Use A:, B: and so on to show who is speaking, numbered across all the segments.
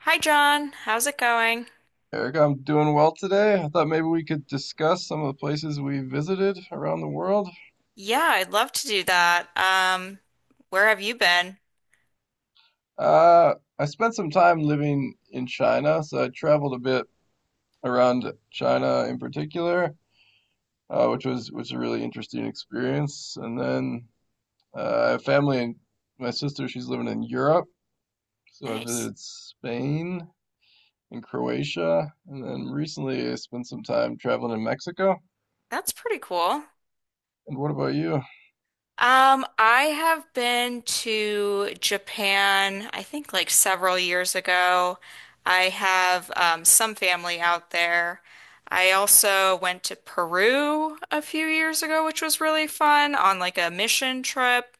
A: Hi John, how's it going?
B: Eric, I'm doing well today. I thought maybe we could discuss some of the places we visited around the world.
A: Yeah, I'd love to do that. Where have you been?
B: I spent some time living in China, so I traveled a bit around China in particular, which was a really interesting experience. And then I have family and my sister, she's living in Europe, so I
A: Nice.
B: visited Spain and Croatia, and then recently I spent some time traveling in Mexico.
A: That's pretty cool.
B: And what about you?
A: I have been to Japan, I think like several years ago. I have some family out there. I also went to Peru a few years ago, which was really fun on like a mission trip.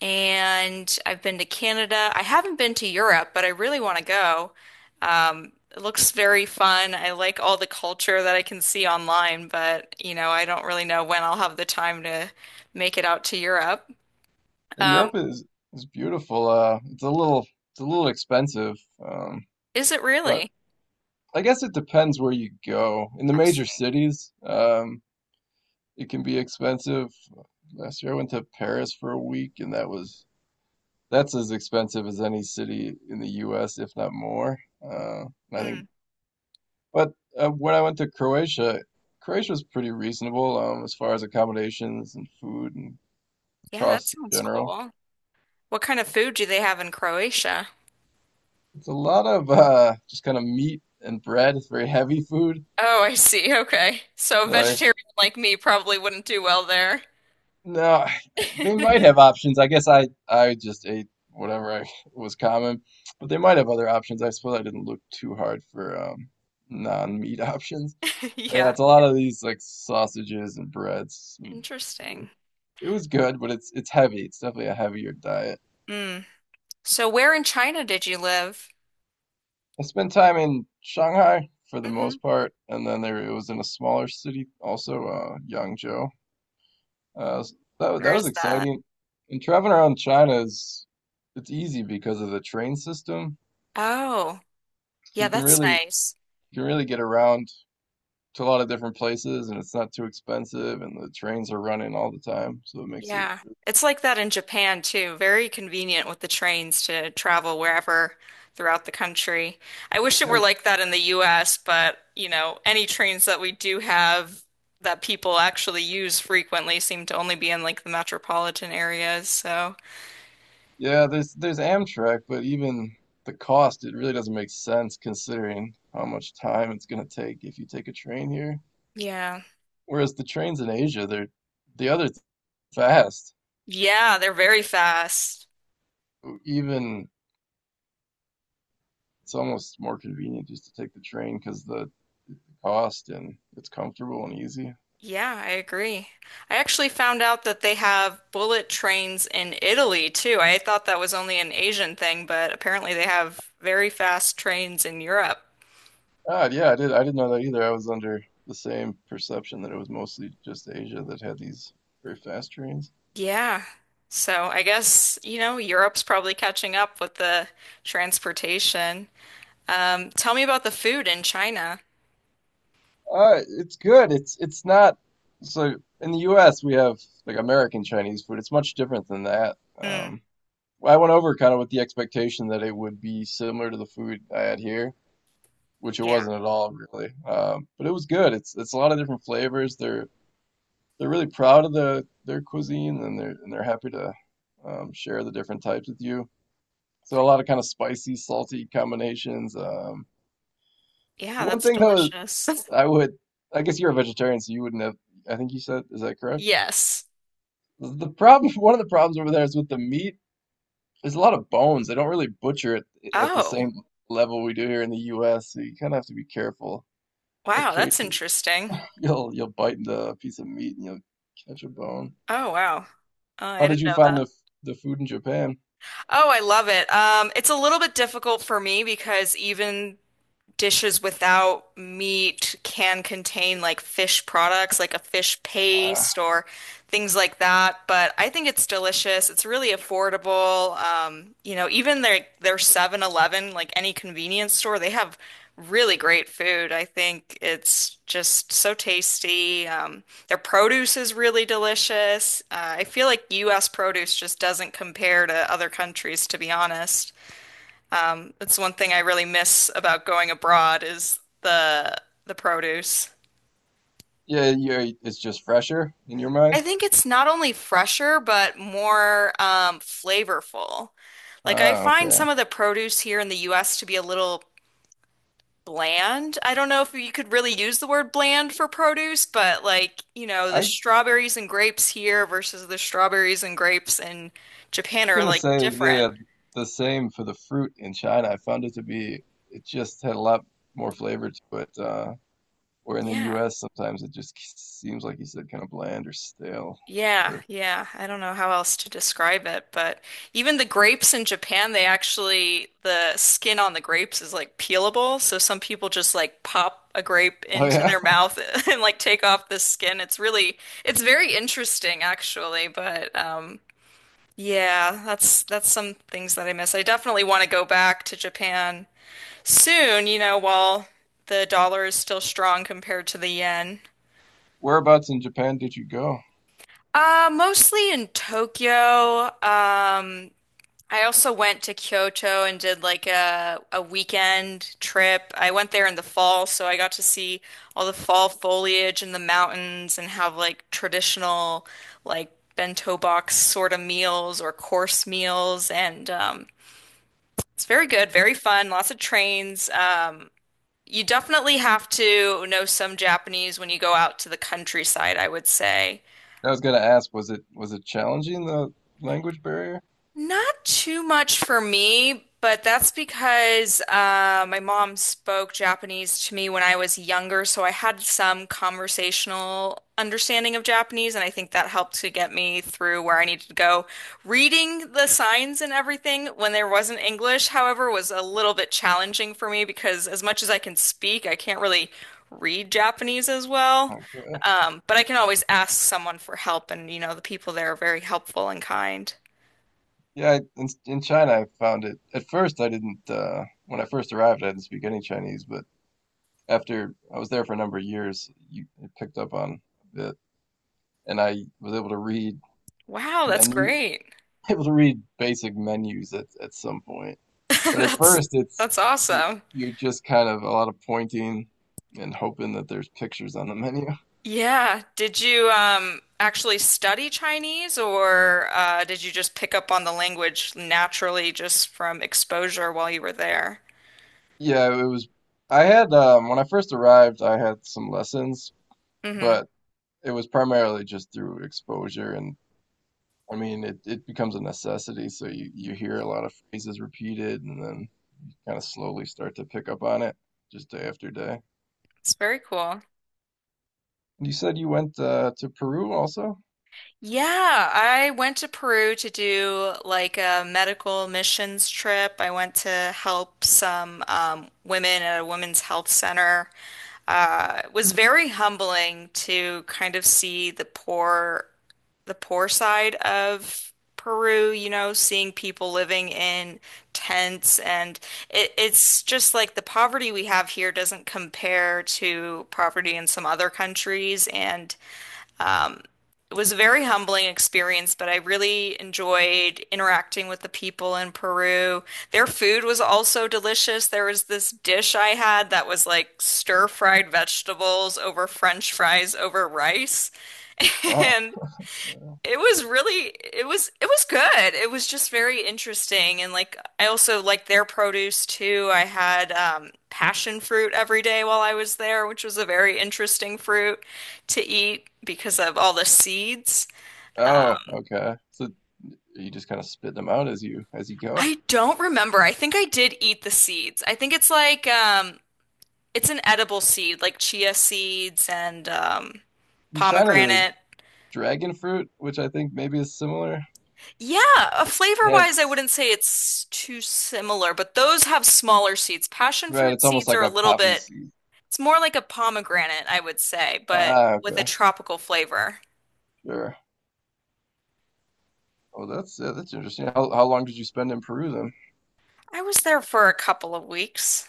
A: And I've been to Canada. I haven't been to Europe, but I really want to go. It looks very fun. I like all the culture that I can see online, but I don't really know when I'll have the time to make it out to Europe. Um,
B: Europe is beautiful. It's a little expensive, um,
A: is it
B: but
A: really?
B: I guess it depends where you go. In the
A: I
B: major
A: see.
B: cities, it can be expensive. Last year I went to Paris for a week, and that's as expensive as any city in the U.S., if not more. Uh, and I think,
A: Mm,
B: but when I went to Croatia, Croatia was pretty reasonable as far as accommodations and food and
A: yeah, that
B: costs in
A: sounds
B: general.
A: cool. What kind of food do they have in Croatia?
B: It's a lot of just kind of meat and bread. It's very heavy food.
A: Oh, I see. Okay. So a
B: So I,
A: vegetarian like me probably wouldn't do well there.
B: no, they might have options. I guess I just ate whatever I was common, but they might have other options. I suppose I didn't look too hard for non-meat options. But yeah,
A: Yeah.
B: it's a lot of these like sausages and breads and beer.
A: Interesting.
B: It was good, but it's heavy. It's definitely a heavier diet.
A: Mm. So where in China did you live?
B: I spent time in Shanghai for the
A: Hmm.
B: most part, and then there it was in a smaller city also, Yangzhou. That was
A: Where's that?
B: exciting. And traveling around China is it's easy because of the train system.
A: Oh,
B: So
A: yeah,
B: you can
A: that's
B: really
A: nice.
B: you can really get around to a lot of different places, and it's not too expensive, and the trains are running all the time, so it makes it.
A: Yeah. It's like that in Japan too. Very convenient with the trains to travel wherever throughout the country. I wish it
B: Yeah,
A: were like that in the US, but any trains that we do have that people actually use frequently seem to only be in like the metropolitan areas. So,
B: yeah. There's Amtrak, but even the cost, it really doesn't make sense considering how much time it's gonna take if you take a train here.
A: yeah.
B: Whereas the trains in Asia, they're the other th- fast.
A: Yeah, they're very fast.
B: Even it's almost more convenient just to take the train because the Austin. It's comfortable and easy.
A: Yeah, I agree. I actually found out that they have bullet trains in Italy too. I thought that was only an Asian thing, but apparently they have very fast trains in Europe.
B: Ah, yeah, I did. I didn't know that either. I was under the same perception that it was mostly just Asia that had these very fast trains.
A: Yeah. So I guess, Europe's probably catching up with the transportation. Tell me about the food in China.
B: It's good. It's not so in the U.S. we have like American Chinese food. It's much different than that.
A: Mm,
B: I went over kind of with the expectation that it would be similar to the food I had here, which it
A: yeah.
B: wasn't at all really. But it was good. It's a lot of different flavors. They're really proud of the their cuisine and they're happy to share the different types with you. So a lot of kind of spicy, salty combinations.
A: Yeah,
B: One
A: that's
B: thing though,
A: delicious.
B: I would, I guess you're a vegetarian, so you wouldn't have. I think you said, is that correct?
A: Yes.
B: The problem, one of the problems over there is with the meat. There's a lot of bones. They don't really butcher it at the
A: Oh,
B: same level we do here in the U.S. So you kind of have to be careful.
A: wow, that's
B: Occasionally,
A: interesting.
B: you'll bite into a piece of meat and you'll catch a bone.
A: Oh, wow. Oh,
B: How
A: I
B: did
A: didn't
B: you
A: know
B: find
A: that.
B: the food in Japan?
A: Oh, I love it. It's a little bit difficult for me because even dishes without meat can contain like fish products, like a fish paste or things like that. But I think it's delicious. It's really affordable. Even their 7-Eleven, like any convenience store, they have really great food. I think it's just so tasty. Their produce is really delicious. I feel like U.S. produce just doesn't compare to other countries, to be honest. That's one thing I really miss about going abroad is the produce.
B: Yeah, yeah, it's just fresher in your
A: I
B: mind?
A: think it's not only fresher but more flavorful. Like I
B: Ah,
A: find
B: okay.
A: some of the produce here in the US to be a little bland. I don't know if you could really use the word bland for produce, but like, the
B: I'm
A: strawberries and grapes here versus the strawberries and grapes in Japan are
B: gonna
A: like
B: say
A: different.
B: yeah, the same for the fruit in China. I found it to be, it just had a lot more flavor to it. Where in the
A: Yeah.
B: U.S., sometimes it just seems like you said, kind of bland or stale.
A: Yeah,
B: Or,
A: yeah. I don't know how else to describe it, but even the grapes in Japan, they actually, the skin on the grapes is like peelable. So some people just like pop a grape
B: oh
A: into
B: yeah,
A: their mouth and like take off the skin. It's really, it's very interesting actually, but yeah, that's some things that I miss. I definitely want to go back to Japan soon, while the dollar is still strong compared to the yen.
B: whereabouts in Japan did you go?
A: Mostly in Tokyo. I also went to Kyoto and did like a weekend trip. I went there in the fall, so I got to see all the fall foliage in the mountains and have like traditional like bento box sort of meals or course meals and it's very good, very fun, lots of trains. You definitely have to know some Japanese when you go out to the countryside, I would say.
B: I was gonna ask, was it challenging the language barrier?
A: Not too much for me, but that's because my mom spoke Japanese to me when I was younger, so I had some conversational understanding of Japanese, and I think that helped to get me through where I needed to go. Reading the signs and everything when there wasn't English, however, was a little bit challenging for me because as much as I can speak, I can't really read Japanese as well.
B: Okay.
A: But I can always ask someone for help, and the people there are very helpful and kind.
B: Yeah, in China, I found it. At first, I didn't. When I first arrived, I didn't speak any Chinese, but after I was there for a number of years, you picked up on a bit, and I was able to read
A: Wow, that's
B: menu,
A: great.
B: able to read basic menus at some point. But at
A: That's
B: first, it's
A: that's
B: you
A: awesome.
B: you're just kind of a lot of pointing and hoping that there's pictures on the menu.
A: Yeah. Did you actually study Chinese or did you just pick up on the language naturally just from exposure while you were there?
B: Yeah, it was. I had when I first arrived, I had some lessons,
A: Hmm.
B: but it was primarily just through exposure and. I mean, it becomes a necessity, so you hear a lot of phrases repeated, and then kind of slowly start to pick up on it just day after day.
A: It's very cool.
B: And you said you went to Peru also?
A: Yeah, I went to Peru to do like a medical missions trip. I went to help some women at a women's health center. Was very humbling to kind of see the poor side of Peru, seeing people living in tents and it's just like the poverty we have here doesn't compare to poverty in some other countries and it was a very humbling experience, but I really enjoyed interacting with the people in Peru. Their food was also delicious. There was this dish I had that was like stir-fried vegetables over French fries over rice.
B: Wow.
A: And
B: Uh,
A: it was good. It was just very interesting. And like I also liked their produce too. I had passion fruit every day while I was there, which was a very interesting fruit to eat because of all the seeds.
B: Oh, okay. So you just kind of spit them out as you go.
A: I don't remember. I think I did eat the seeds. I think it's like it's an edible seed, like chia seeds and
B: In China, there was
A: pomegranate.
B: dragon fruit, which I think maybe is similar.
A: Yeah,
B: It
A: flavor-wise, I
B: has,
A: wouldn't say it's too similar, but those have smaller seeds. Passion
B: right,
A: fruit
B: it's almost
A: seeds
B: like
A: are a
B: a
A: little
B: poppy
A: bit,
B: seed.
A: it's more like a pomegranate, I would say, but
B: Ah,
A: with a
B: okay.
A: tropical flavor.
B: Sure. That's interesting. How long did you spend in Peru then?
A: I was there for a couple of weeks.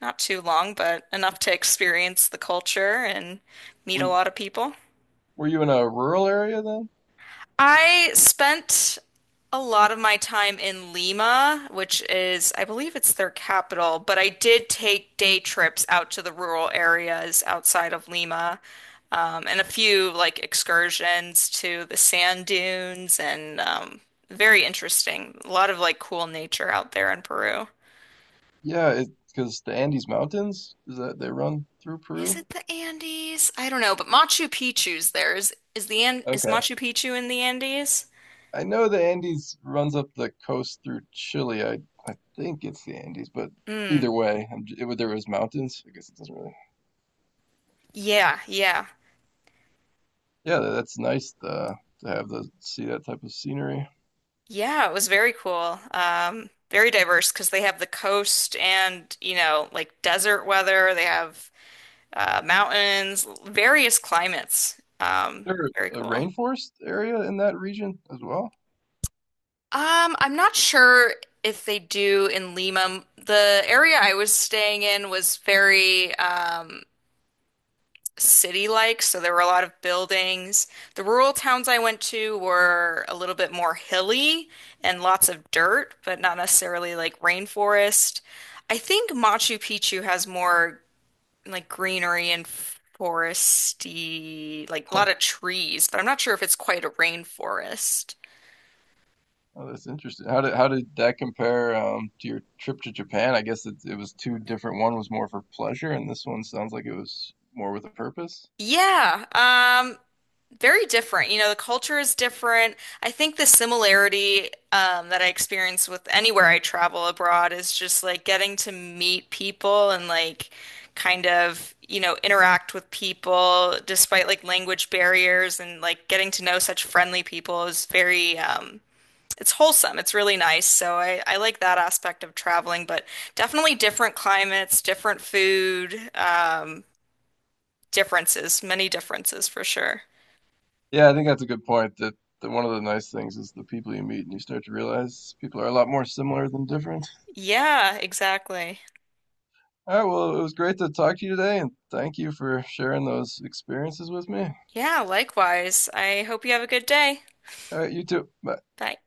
A: Not too long, but enough to experience the culture and meet
B: Were
A: a
B: you,
A: lot of people.
B: were you in a rural area then?
A: I spent a lot of my time in Lima, which is, I believe it's their capital, but I did take day trips out to the rural areas outside of Lima, and a few like excursions to the sand dunes and very interesting. A lot of like cool nature out there in Peru.
B: Yeah, it because the Andes Mountains is that they run through
A: Is
B: Peru.
A: it the Andes? I don't know, but Machu Picchu's there. Is
B: Okay.
A: Machu Picchu in the Andes?
B: I know the Andes runs up the coast through Chile. I think it's the Andes, but
A: Mm,
B: either way, there was mountains. I guess it doesn't really.
A: yeah, yeah.
B: Yeah, to have the see that type of scenery. Is
A: Yeah, it was very cool. Very diverse because they have the coast and, like desert weather. They have mountains, various climates.
B: there
A: Very
B: a
A: cool.
B: rainforest area in that region as well?
A: I'm not sure if they do in Lima. The area I was staying in was very city-like, so there were a lot of buildings. The rural towns I went to were a little bit more hilly and lots of dirt, but not necessarily like rainforest. I think Machu Picchu has more like greenery and foresty, like a
B: Huh.
A: lot of trees, but I'm not sure if it's quite a rainforest.
B: Oh, that's interesting. How did that compare to your trip to Japan? I guess it it was two different. One was more for pleasure, and this one sounds like it was more with a purpose.
A: Yeah, very different. You know, the culture is different. I think the similarity that I experience with anywhere I travel abroad is just like getting to meet people and like kind of, interact with people despite like language barriers and like getting to know such friendly people is very, it's wholesome. It's really nice. So I like that aspect of traveling, but definitely different climates, different food, differences, many differences for sure.
B: Yeah, I think that's a good point. That one of the nice things is the people you meet, and you start to realize people are a lot more similar than different.
A: Yeah, exactly.
B: All right, well, it was great to talk to you today, and thank you for sharing those experiences with me.
A: Yeah, likewise. I hope you have a good day.
B: All right, you too. Bye.
A: Bye.